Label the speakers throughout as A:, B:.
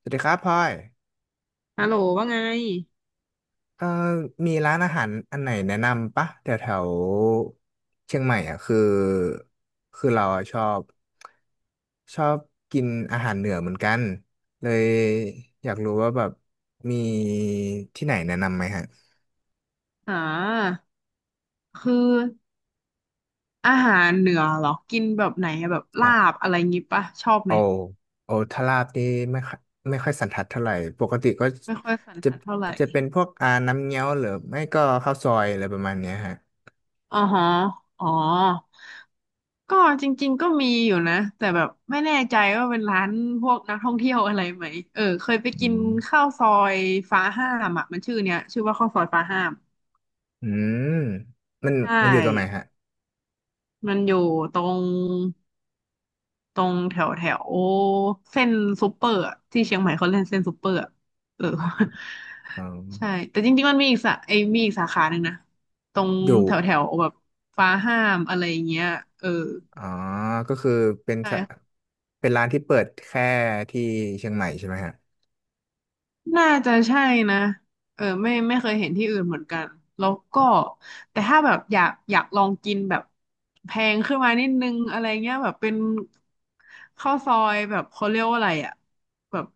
A: สวัสดีครับพลอย
B: ฮัลโหลว่าไง
A: เอ่อมีร้านอาหารอันไหนแนะนำปะแถวแถวเชียงใหม่อ่ะคือเราอะชอบกินอาหารเหนือเหมือนกันเลยอยากรู้ว่าแบบมีที่ไหนแนะนำไหมฮะ
B: อ่าคืออาหารเหนือเหรอ กินแบบลา
A: จ้ะ
B: บอะไรงี้ปะ ชอบ
A: โอ
B: ไหม
A: โอทาราบนี่ไม่ค่อยไม่ค่อยสันทัดเท่าไหร่ปกติก็
B: ไม่ค่อยสัน
A: จะ
B: ทัดเท่าไหร่
A: จะเป็นพวกอาน้ำเงี้ยวหรือไม่ก็ข้าวซอยอะไรประมาณเนี้ยฮะ
B: อ๋อฮะอ๋อ ก็จริงๆก็นะแต่แบบไม่แน่ใจว่าร้านพวกนักท่องเที่ยวอะไรไหม เออเคยไป
A: อื
B: กิน
A: ม
B: ข้าวซอยฟ้าห้ามชื่อเนี้ยข้าวซอยฟ้าห้าม
A: อืมมัน
B: ใช
A: มันอยู่ตรงไหน
B: ่
A: ฮะ
B: มันอยู่ตรง ตรงแถวแถวเส้นซูเปอร์อะที่เชียงใหม่เขาเล่นเส้นซูเปอร์อะเออ
A: อ๋อ
B: ใช่แต่จริงๆมันมีอีกสาไอ้มีอีกสาขาหนึ่งนะตรง
A: อยู่
B: แถวแถวแบบฟ้าห้ามอะไรอย่างเงี้ยเออ
A: อ๋อก็คือเป็นสะ
B: ใช่
A: เป็นร้านที่เปิดแค่ที่เชียงใหม่ใช่ไหมฮะ
B: น่าจะใช่นะเออไม่เคยเห็นที่อื่นเหมือนกันแล้วก็แต่ถ้าแบบอยากลองกินแบบแพงขึ้นมานิดนึงอะไรเงี้ยแบบเป็นข้าวซอยแบบเขาเรียกว่าอะไรอ่ะแบบ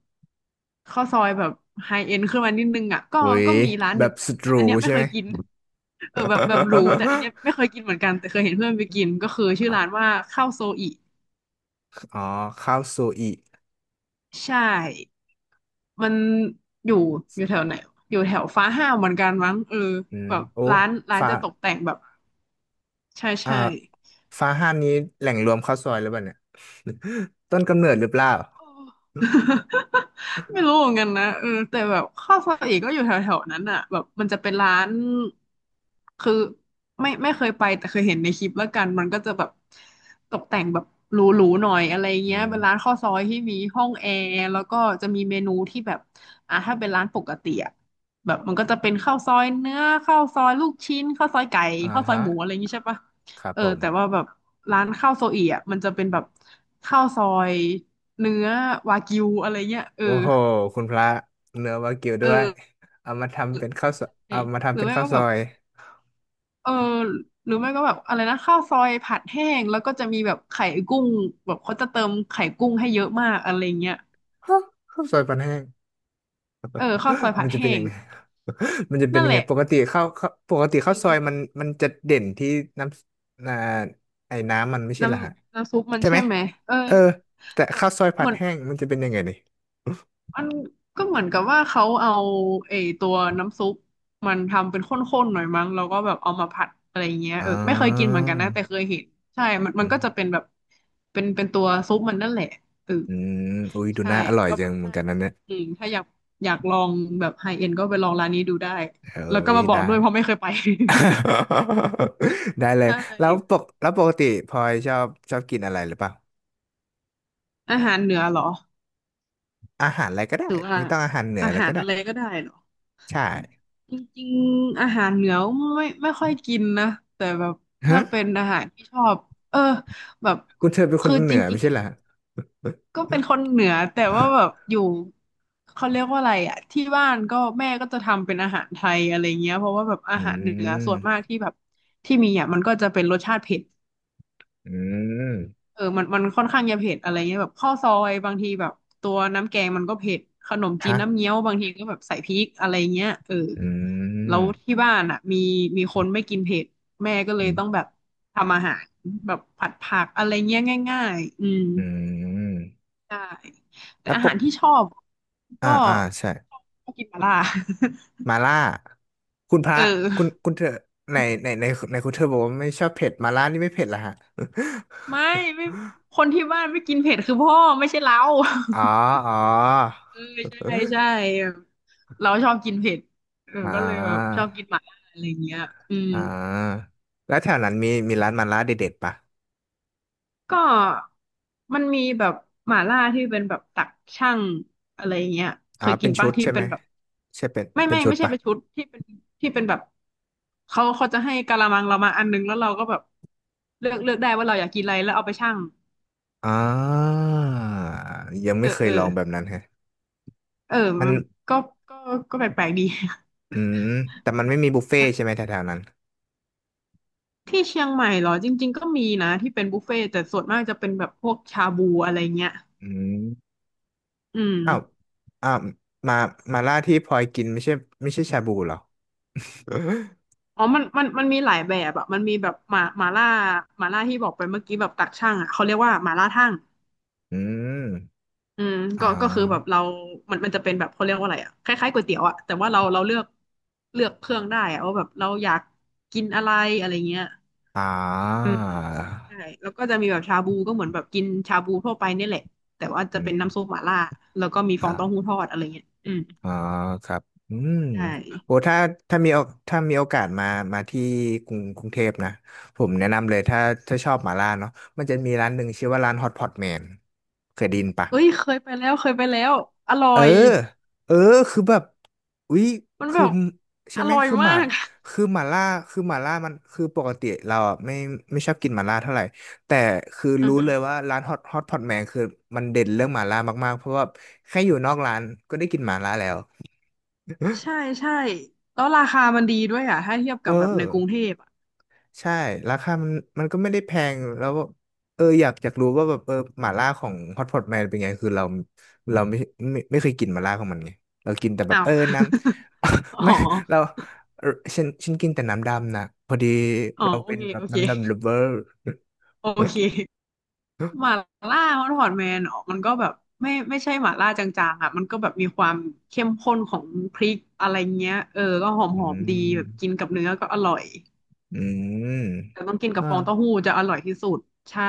B: ข้าวซอยแบบไฮเอ็นขึ้นมานิดนึงอ่ะก็
A: เว้ย
B: ก็มีร้าน
A: แบ
B: หนึ่ง
A: บ
B: แต่
A: สุดห
B: แต่
A: รู
B: อันเนี้ยไม่
A: ใช่
B: เค
A: ไหม
B: ยกินเออแบบหรูแต่อันเนี้ย ไม่เคยกินเหมือนกันแต่เคยเห็นเพื่อนไปกินก็คือชื่อ
A: อะ
B: ร้านว่าข้าวโซอิ
A: อ๋อข้าวซูอิ
B: ใช่ มันอยู่อยู่แถวไหนอยู่แถวฟ้าห้าวเหมือนกันมั้งเออ
A: อืม
B: แบบ
A: โอ้
B: ร้าน
A: ฟ้า
B: จะตกแต่งแบบใช่
A: อ่า
B: ใช่
A: ฟ้าห้ามนี้แหล่งรวมข้าวซอยหรือเปล่าเนี่ย ต้นกำเนิดหรือเปล่า
B: ไม่รู้เหมือนกันนะเออแต่แบบข้าวซอยเอกก็อยู่แถวๆนั้นอ่ะแบบมันจะเป็นร้านคือไม่เคยไปแต่เคยเห็นในคลิปแล้วกันมันก็จะแบบตกแต่งแบบหรูๆหน่อยอะไร
A: อื
B: เงี้ย
A: ม
B: เป็นร้านข้าวซอยที่มีห้องแอร์แล้วก็จะมีเมนูที่แบบอ่ะถ้าเป็นร้านปกติอะแบบมันก็จะเป็นข้าวซอยเนื้อข้าวซอยลูกชิ้นข้าวซอยไก่
A: อ่า
B: ข้าวซอย
A: ฮะ
B: หมูอะไรอย่างงี้ใช่ปะ
A: ครับ
B: เออ
A: ผ
B: แต่ว่า
A: ม
B: แบบร้านข้าวโซอีอ่ะมันจะเป็นแบบข้าวซอย เนื้อวากิวอะไรเงี้ยเออ
A: โอ้โหคุณพระเนื้อวากิว
B: เอ
A: ด้วย
B: อเ
A: เอามาทำเป็นข้าวซอย
B: ออ
A: เอามา
B: ห
A: ทำ
B: รื
A: เป็
B: อ
A: น
B: ไม่
A: ข้าว
B: ก็
A: ซ
B: แบ
A: อ
B: บ
A: ย
B: เออหรือไม่ก็แบบอะไรนะข้าวซอยผัดแห้งแล้วก็จะมีแบบไข่กุ้งแบบเขาจะเติมไข่กุ้งให้เยอะมากอะไรเงี้ย
A: ฮะข้าวซอยปันแห้ง
B: เออข้าวซอย ผั
A: มั
B: ด
A: นจะ
B: แห้
A: เป็นยั
B: ง
A: งไง มันจะเป็น
B: นั่น
A: ยัง
B: แห
A: ไง
B: ละ
A: ป
B: แบ
A: ก
B: บ
A: ติข้าวซอย
B: เออ
A: มันจะเด่นที่น้ำอ่าไอ้น้ำมันไม่ใช่
B: น้
A: เหรอฮะ
B: ำน้ำซุปมัน
A: ใช่ไห
B: ใช่
A: ม
B: ไหมเออ
A: เออแต่
B: แต่
A: ข้าวซอยผั
B: เห
A: ด
B: มือน
A: แห้งมันจะเป็นยังไงนี่
B: มันก็เหมือนกับว่าเขาเอาไอ้ตัวน้ำซุปมันทำเป็นข้นๆหน่อยมั้งแล้วก็แบบเอามาผัดอะไรเงี้ย
A: อ๋
B: เออไม่เคยกินเห
A: อ
B: มือนกันนะแต่เคยเห็นใช่ มันมั
A: อื
B: น
A: ม
B: ก็จะเป็นแบบเป็นเป็นตัวซุปมันนั่นแหละเออ
A: อืมอุ้ยดู
B: ใช่
A: น่าอร่อย
B: ก็
A: จั
B: แบบ
A: งเหมือ
B: ถ้า
A: นกันนะเนี่ย
B: อืมถ้าอยากอยากลองแบบไฮเอ็นก็ไปลองร้านนี้ดูได้
A: เอ้
B: แล้วก็
A: ย
B: มาบอก
A: ได้
B: ด้วยเพราะไม่เคยไป
A: ได้เล ย
B: ใช่
A: แล้วปกติพลอยชอบกินอะไรหรือเปล่า
B: อาหารเหนือเหรอ
A: อาหารอะไรก็ได้
B: หรือว่า
A: ไม่ต้องอาหารเหนือ
B: อา
A: อะไร
B: หาร
A: ก็ได้
B: อะไรก็ได้เหรอ
A: ใช่
B: จริงๆอาหารเหนือไม่ค่อยกินนะแต่แบบ
A: ฮะ
B: ถ้าเป็นอาหารที่ชอบเออแบบ
A: คุณเธอเป็นคน
B: คือ
A: เห
B: จ
A: นือ
B: ริ
A: ไม่
B: งๆ
A: ใช่
B: อ่ะ
A: เหรอ
B: ก็เป็นคนเหนือแต่ว่าแบบอยู่เขาเรียกว่าอะไรอ่ะที่บ้านก็แม่ก็จะทำเป็นอาหารไทยอะไรเงี้ยเพราะว่าแบบอา
A: อื
B: หารเหนือส่
A: ม
B: วนมากที่แบบที่มีอ่ะมันก็จะเป็นรสชาติเผ็ด
A: อืม
B: เออมันค่อนข้างจะเผ็ดอะไรเงี้ยแบบข้าวซอยบางทีแบบตัวน้ำแกงมันก็เผ็ดขนมจีน
A: ฮะ
B: น้ำเงี้ยวบางทีก็แบบใส่พริกอะไรเงี้ยเออ
A: อื
B: แล้
A: ม
B: วที่บ้านอ่ะมีคนไม่กินเผ็ดแม่ก็เล
A: อื
B: ย
A: ม
B: ต้องแบบทำอาหารแบบผัดผักอะไรเงี้ยง่ายๆอืม
A: อืม
B: ใช่แต่
A: แล้ว
B: อา
A: ป
B: หา
A: ก
B: รที่ชอบ
A: อ่า
B: ก็
A: อ่าใช่
B: ชอบกินหม่าล่า
A: มาล่าคุณพ ระ
B: เอ
A: คุณ
B: อ
A: คุณเธอในในในคุณเธอบอกว่าไม่ชอบเผ็ดมาล่านี่ไม่เผ็ดเหรอฮะ
B: ไม่ไม่คนที่บ้านไม่กินเผ็ดคือพ่อไม่ใช่เรา
A: อ๋ออ๋อ
B: เออใช่ใช่แบบเราชอบกินเผ็ดเออ
A: อ่
B: ก็เลยแบบ
A: า
B: ชอบกินหม่าล่าอะไรเงี้ยอืม
A: อ่าแล้วแถวนั้นมีมีร้านมาล่าเด็ดๆปะ
B: ก็มันมีแบบหม่าล่าที่เป็นแบบตักช่างอะไรเงี้ยเค
A: อ๋อ
B: ยกิ
A: เป็
B: น
A: นชุ
B: ปะ
A: ด
B: ที่
A: ใช่ไห
B: เป็
A: ม
B: นแบบ
A: ใช่เป็น
B: ไม่
A: เป็น
B: ไม่
A: ชุด
B: ไม่ใช่
A: ปะ
B: เป็นชุดที่เป็นที่เป็นแบบเขาจะให้กะละมังเรามาอันนึงแล้วเราก็แบบเลือกได้ว่าเราอยากกินอะไรแล้วเอาไปชั่ง
A: อ่ายัง
B: เอ
A: ไม่
B: อ
A: เค
B: เอ
A: ย
B: อ
A: ลองแบบนั้นแฮะ
B: เออ
A: มัน
B: มันก็ก็ก็แปลกๆดี
A: อืมแต่มันไม่มีบุฟเฟ่ต์ใช่ไหม แถวๆนั้น
B: ที่เชียงใหม่เหรอจริงๆก็มีนะที่เป็นบุฟเฟ่ต์แต่ส่วนมากจะเป็นแบบพวกชาบูอะไรเงี้ย
A: อืม
B: อืม
A: อ้าวอ้าวมามาล่าที่พลอยกินไม่ใช่ไม่ใช่ชาบูเหรอ
B: อ๋อมันมีหลายแบบอะมันมีแบบหมาล่าที่บอกไปเมื่อกี้แบบตักช่างอะเขาเรียกว่าหมาล่าทั่ง
A: อืม
B: อืม
A: อ่
B: ก็ก็คือแบบ
A: า
B: เรามันมันจะเป็นแบบเขาเรียกว่าอะไรอะคล้ายๆก๋วยเตี๋ยวอะแต่ว่าเราเลือกเลือกเครื่องได้อะว่าแบบเราอยากกินอะไรอะไรเงี้ย
A: อ่
B: อืม
A: า
B: ใช่แล้วก็จะมีแบบชาบูก็เหมือนแบบกินชาบูทั่วไปเนี่ยแหละแต่ว่าจะ
A: อื
B: เป็
A: ม
B: นน้ำซุปหม่าล่าแล้วก็มีฟองเต้าหู้
A: อ่า
B: ทอดอะไรเงี้ยอืม
A: อ่าครับอืม
B: ใช่
A: โอ้ถ้าถ้ามีโอถ้ามีโอกาสมามาที่กรุงเทพนะผมแนะนำเลยถ้าถ้าชอบหมาล่าเนาะมันจะมีร้านหนึ่งชื่อว่าร้านฮอตพอตแมนเคยได้ยินปะ
B: เอ้ยเคยไปแล้วเคยไปแล้วอร่อ
A: เออ
B: ย
A: เออ คือแบบอุ๊ย
B: มันแบ
A: คือ
B: บ
A: ใช่
B: อ
A: ไหม
B: ร่อย
A: คือห
B: มา
A: มา
B: ก
A: คือหมาล่า คือหมาล่ามันคือปกติเราอ่ะไม่ไม่ชอบกินหมาล่าเท่าไหร่ แต่คือ
B: อือ
A: รู้
B: ฮึ
A: เลยว่าร้านฮอตพอตแมนคือมันเด่นเรื่องหมาล่ามากๆเพราะว่าแค่อยู่นอกร้านก็ได้กินหมาล่าแล้ว
B: ใช่ใช่แล้วราคามันดีด้วยอ่ะถ้าเทียบ
A: เอ
B: กับแบบ
A: อ
B: ในกรุงเทพอ่ะ
A: ใช่ราคามันก็ไม่ได้แพงแล้วแบบเอออยากรู้ว่าแบบเออหม่าล่าของฮอตพอตแมนเป็นไงคือเราเราไม่ไม่เคยกินหม่าล่าของมันไงเรากินแต่แบบ
B: อ้าว
A: เออน้ ำ
B: อ๋
A: ไม่เรา
B: อ
A: เออฉันกินแต่น้ำดำนะพอดี
B: อ๋อ
A: เรา
B: โอ
A: เป็น
B: เค
A: แบบ
B: โอเค
A: น้ำดำ lover
B: โอเค หม่าล่าฮอตพอตแมนมันก็แบบไม่ใช่หม่าล่าจางๆอ่ะมันก็แบบมีความเข้มข้นของพริกอะไรเงี้ยเออก็ห
A: อื
B: อมๆดีแบบ
A: ม
B: กินกับเนื้อก็อร่อย
A: อืม
B: แต่ต้องกินกับ
A: อ่า
B: ฟองเต้าหู้จะอร่อยที่สุดใช่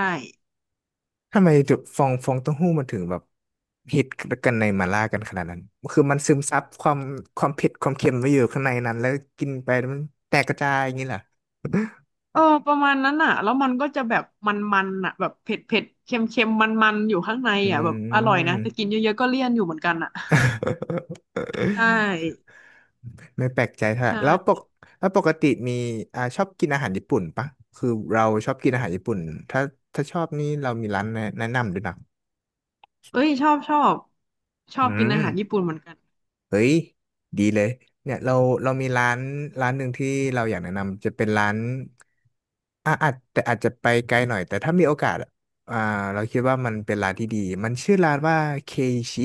A: ทำไมจุดฟองเต้าหู้มันถึงแบบฮิตกันในมาล่ากันขนาดนั้นคือมันซึมซับความความเผ็ดความเค็มไว้อยู่ข้างในนั้นแล้วกินไปมันแตกกระจายอย่างนี้เหรอ
B: เออประมาณนั้นอ่ะแล้วมันก็จะแบบมันๆอ่ะแบบเผ็ดเผ็ดเค็มเค็มมันๆอยู่ข้างใน
A: อื
B: อ่ะแบบอร่อยนะ
A: ม
B: แต่กินเยอะๆก็เลี่ยนอยู่เหมือนกันอ่ะใช่
A: ไม่แปลกใจเท่า
B: ใ
A: ไหร่
B: ช่
A: แล้วปกติมีอ่าชอบกินอาหารญี่ปุ่นปะคือเราชอบกินอาหารญี่ปุ่นถ้าถ้าชอบนี่เรามีร้านแนะนำด้วยนะ
B: เอ้ยชอบชอบชอ
A: อื
B: บกิน
A: ม
B: อาหารญี่ปุ่นเหมือนกัน
A: เฮ้ยดีเลยเนี่ยเราเรามีร้านร้านหนึ่งที่เราอยากแนะนำจะเป็นร้าน อ่าอาจแต่อาจจะไปไกลหน่อยแต่ถ้ามีโอกาสอะอ่าเราคิดว่ามันเป็นร้านที่ดีมันชื่อร้านว่าเคชิ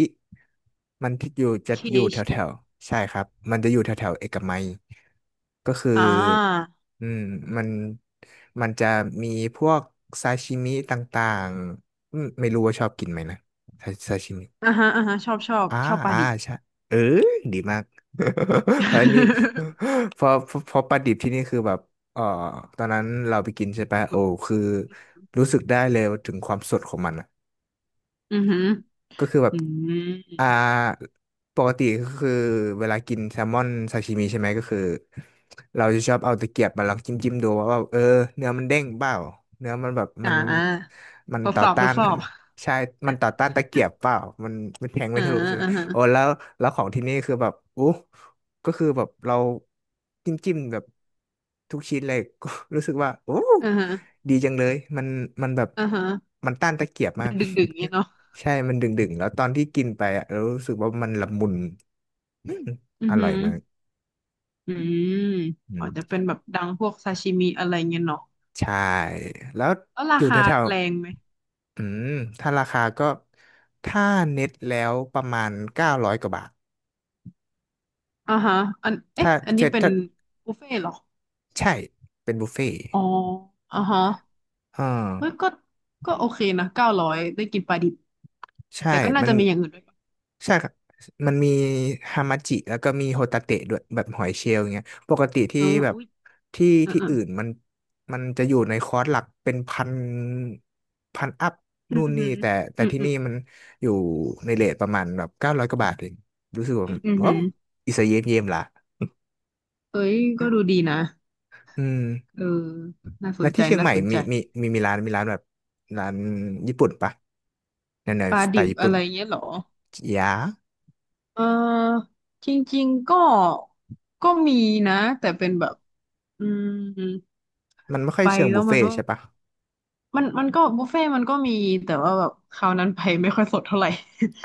A: มันที่อยู่จะ
B: เค
A: อยู่แถว
B: ชิ
A: แถวใช่ครับมันจะอยู่แถวแถวเอกมัยก็คือ
B: อ่า
A: อืมมันจะมีพวกซาชิมิต่างๆอืมไม่รู้ว่าชอบกินไหมนะซาชิมิ
B: อ่าฮะอ่าฮะชอบชอบ
A: อ่า
B: ชอบปลา
A: อ่า
B: ดิบ
A: ใช่เออดีมาก เพราะอันนี้ พอพอพอปลาดิบที่นี่คือแบบเออตอนนั้นเราไปกินใช่ปะโอ้ คือรู้สึกได้เลยถึงความสดของมัน
B: อือหือ
A: ก็คือแบ
B: อื
A: บ
B: ม
A: อ่าปกติก็คือเวลากินแซลมอนซาชิมิใช่ไหมก็คือเราจะชอบเอาตะเกียบมาลองจิ้มจิ้มดูว่าแบบเออเนื้อมันเด้งเปล่าเนื้อมันแบบมั
B: อ่
A: น
B: า
A: มัน
B: ทด
A: ต่อ
B: สอบท
A: ต้า
B: ด
A: น
B: สอบ
A: ใช่มันต่อต้านตะเกียบเปล่ามันแทงไม่
B: อ่า
A: ทะลุใช่ไหม
B: อ่าฮะ
A: โอ้แล้วของที่นี่คือแบบอู้ก็คือแบบเราจิ้มจิ้มแบบทุกชิ้นเลย ก็รู้สึกว่าโอ้
B: อ่าฮะ
A: ดีจังเลยมันแบบ
B: อ่าฮะ
A: มันต้านตะเกียบมา
B: มั
A: ก
B: นดึกดึกเงี้ยเนาะ
A: ใช่ มันดึงๆ แล้วตอนที่กินไปอ่ะเรารู้สึกว่ามันละมุน อืม
B: อื
A: อ
B: อหื
A: ร่อย
B: อ
A: มาก
B: อืม
A: อื
B: อาจจะ
A: ม
B: เป็นแบบดังพวกซาชิมิอะไรเงี้ยเนาะ
A: ใช่ แล้ว
B: แล้ว
A: อ
B: รา
A: ยู่แถ
B: คา
A: ว
B: แรงไหม
A: ๆอืมถ้าราคาก็ ถ้าเน็ตแล้วประมาณเก้าร้อยกว่าบาท
B: อ่าฮะอันเอ๊ะ
A: ถ้า
B: อันนี้
A: เจ็ด
B: เป็น
A: ถ้า
B: บุฟเฟ่ต์เหรอ
A: ใช่เป็นบุฟเฟ่ต์
B: อ๋ออ่าฮะ
A: อ่า
B: เฮ้ยก็โอเคนะ900ได้กินปลาดิบ
A: ใช่
B: แต่ก็น่า
A: มัน
B: จะมีอย่างอื่นด้วยปะ
A: ใช่ครับมันมีฮามาจิแล้วก็มีโฮตาเตะด้วยแบบหอยเชลล์อย่างเงี้ยปกติ
B: เอ
A: ที่
B: อ
A: แบบ
B: อุ้ย
A: ที่
B: อ่าอ่า
A: อื่นมันจะอยู่ในคอร์สหลักเป็นพันพันอัพ
B: อื
A: นู่
B: อ
A: นนี่
B: หือ
A: แต่
B: อืม
A: ที่
B: อืม
A: นี่มันอยู่ในเรทประมาณแบบเก้าร้อยกว่าบาทเองรู้สึกว่า
B: อืม
A: โอ้
B: อืม
A: อิสเยมเยมละ
B: เฮ้ยก็ดูดีนะ
A: อืม
B: เออ น่าส
A: แล้ว
B: นใจ
A: ที่เชียง
B: น่า
A: ใหม่
B: สน
A: มี
B: ใจ
A: มีมีมีร้านมีร้านแบบร้านญี่ปุ่นปะแนวแนว
B: ปลา
A: สไต
B: ดิบ
A: ล์ญี่
B: อะ
A: ปุ่น
B: ไรเงี้ยเหรอ
A: ยา
B: เออจริงๆก็มีนะแต่เป็นแบบ อืม
A: มันไม่ค่อ
B: ไป
A: ยเชิง
B: แล้
A: บุ
B: ว
A: ฟ
B: มั
A: เฟ่
B: น
A: ต์
B: ว่า
A: ใช่ปะ
B: มันก็บุฟเฟ่ต์มันก็มีแต่ว่าแบบคราวนั้นไปไม่ค่อยสดเท่าไหร่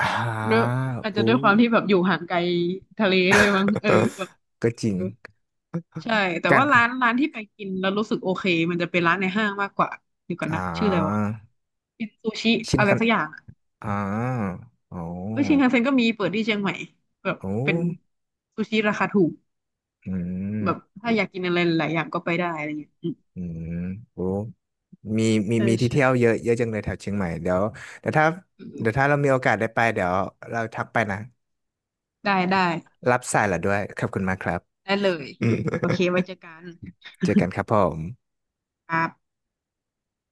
A: อ่
B: ด้ว
A: า
B: ยอาจจะ
A: อู้
B: ด้วยความที่แบบอยู่ห่างไกลทะเลด้วยมั้งเออแบบ
A: ก็จริง
B: เออใช่แต่
A: กั
B: ว่า
A: น
B: ร้านที่ไปกินแล้วรู้สึกโอเคมันจะเป็นร้านในห้างมากกว่าเดี๋ยวก่อน
A: อ่
B: นะชื่ออะไรวะ
A: า
B: เป็นซูชิ
A: ชิน
B: อะไร
A: คัน
B: สักอย่าง
A: อ่าโอ้
B: เอ้ยชินคันเซ็นก็มีเปิดที่เชียงใหม่แบบ
A: โอ้
B: เป็นซูชิราคาถูก
A: อื
B: แบบ
A: ม
B: ถ้าอยากกินอะไรหลายอย่างก็ไปได้อะไรเงี้ยอืม
A: อืมโอ้มีมี
B: ใช่
A: มีที่
B: ใช่
A: เที่ยวเยอะเยอะจังเลยแถวเชียงใหม่เดี๋ยวเดี๋ยวถ้า
B: อื
A: เดี๋ยว
B: ม
A: ถ้าเรามีโอกาสได้ไปเดี๋ยวเราทักไปนะ
B: ได้ได้
A: รับสายละด้วยขอบคุณมากครับ
B: ได้เลย
A: อืม
B: โอเคไว้เจอกัน
A: เจอกันครับผม
B: ครับ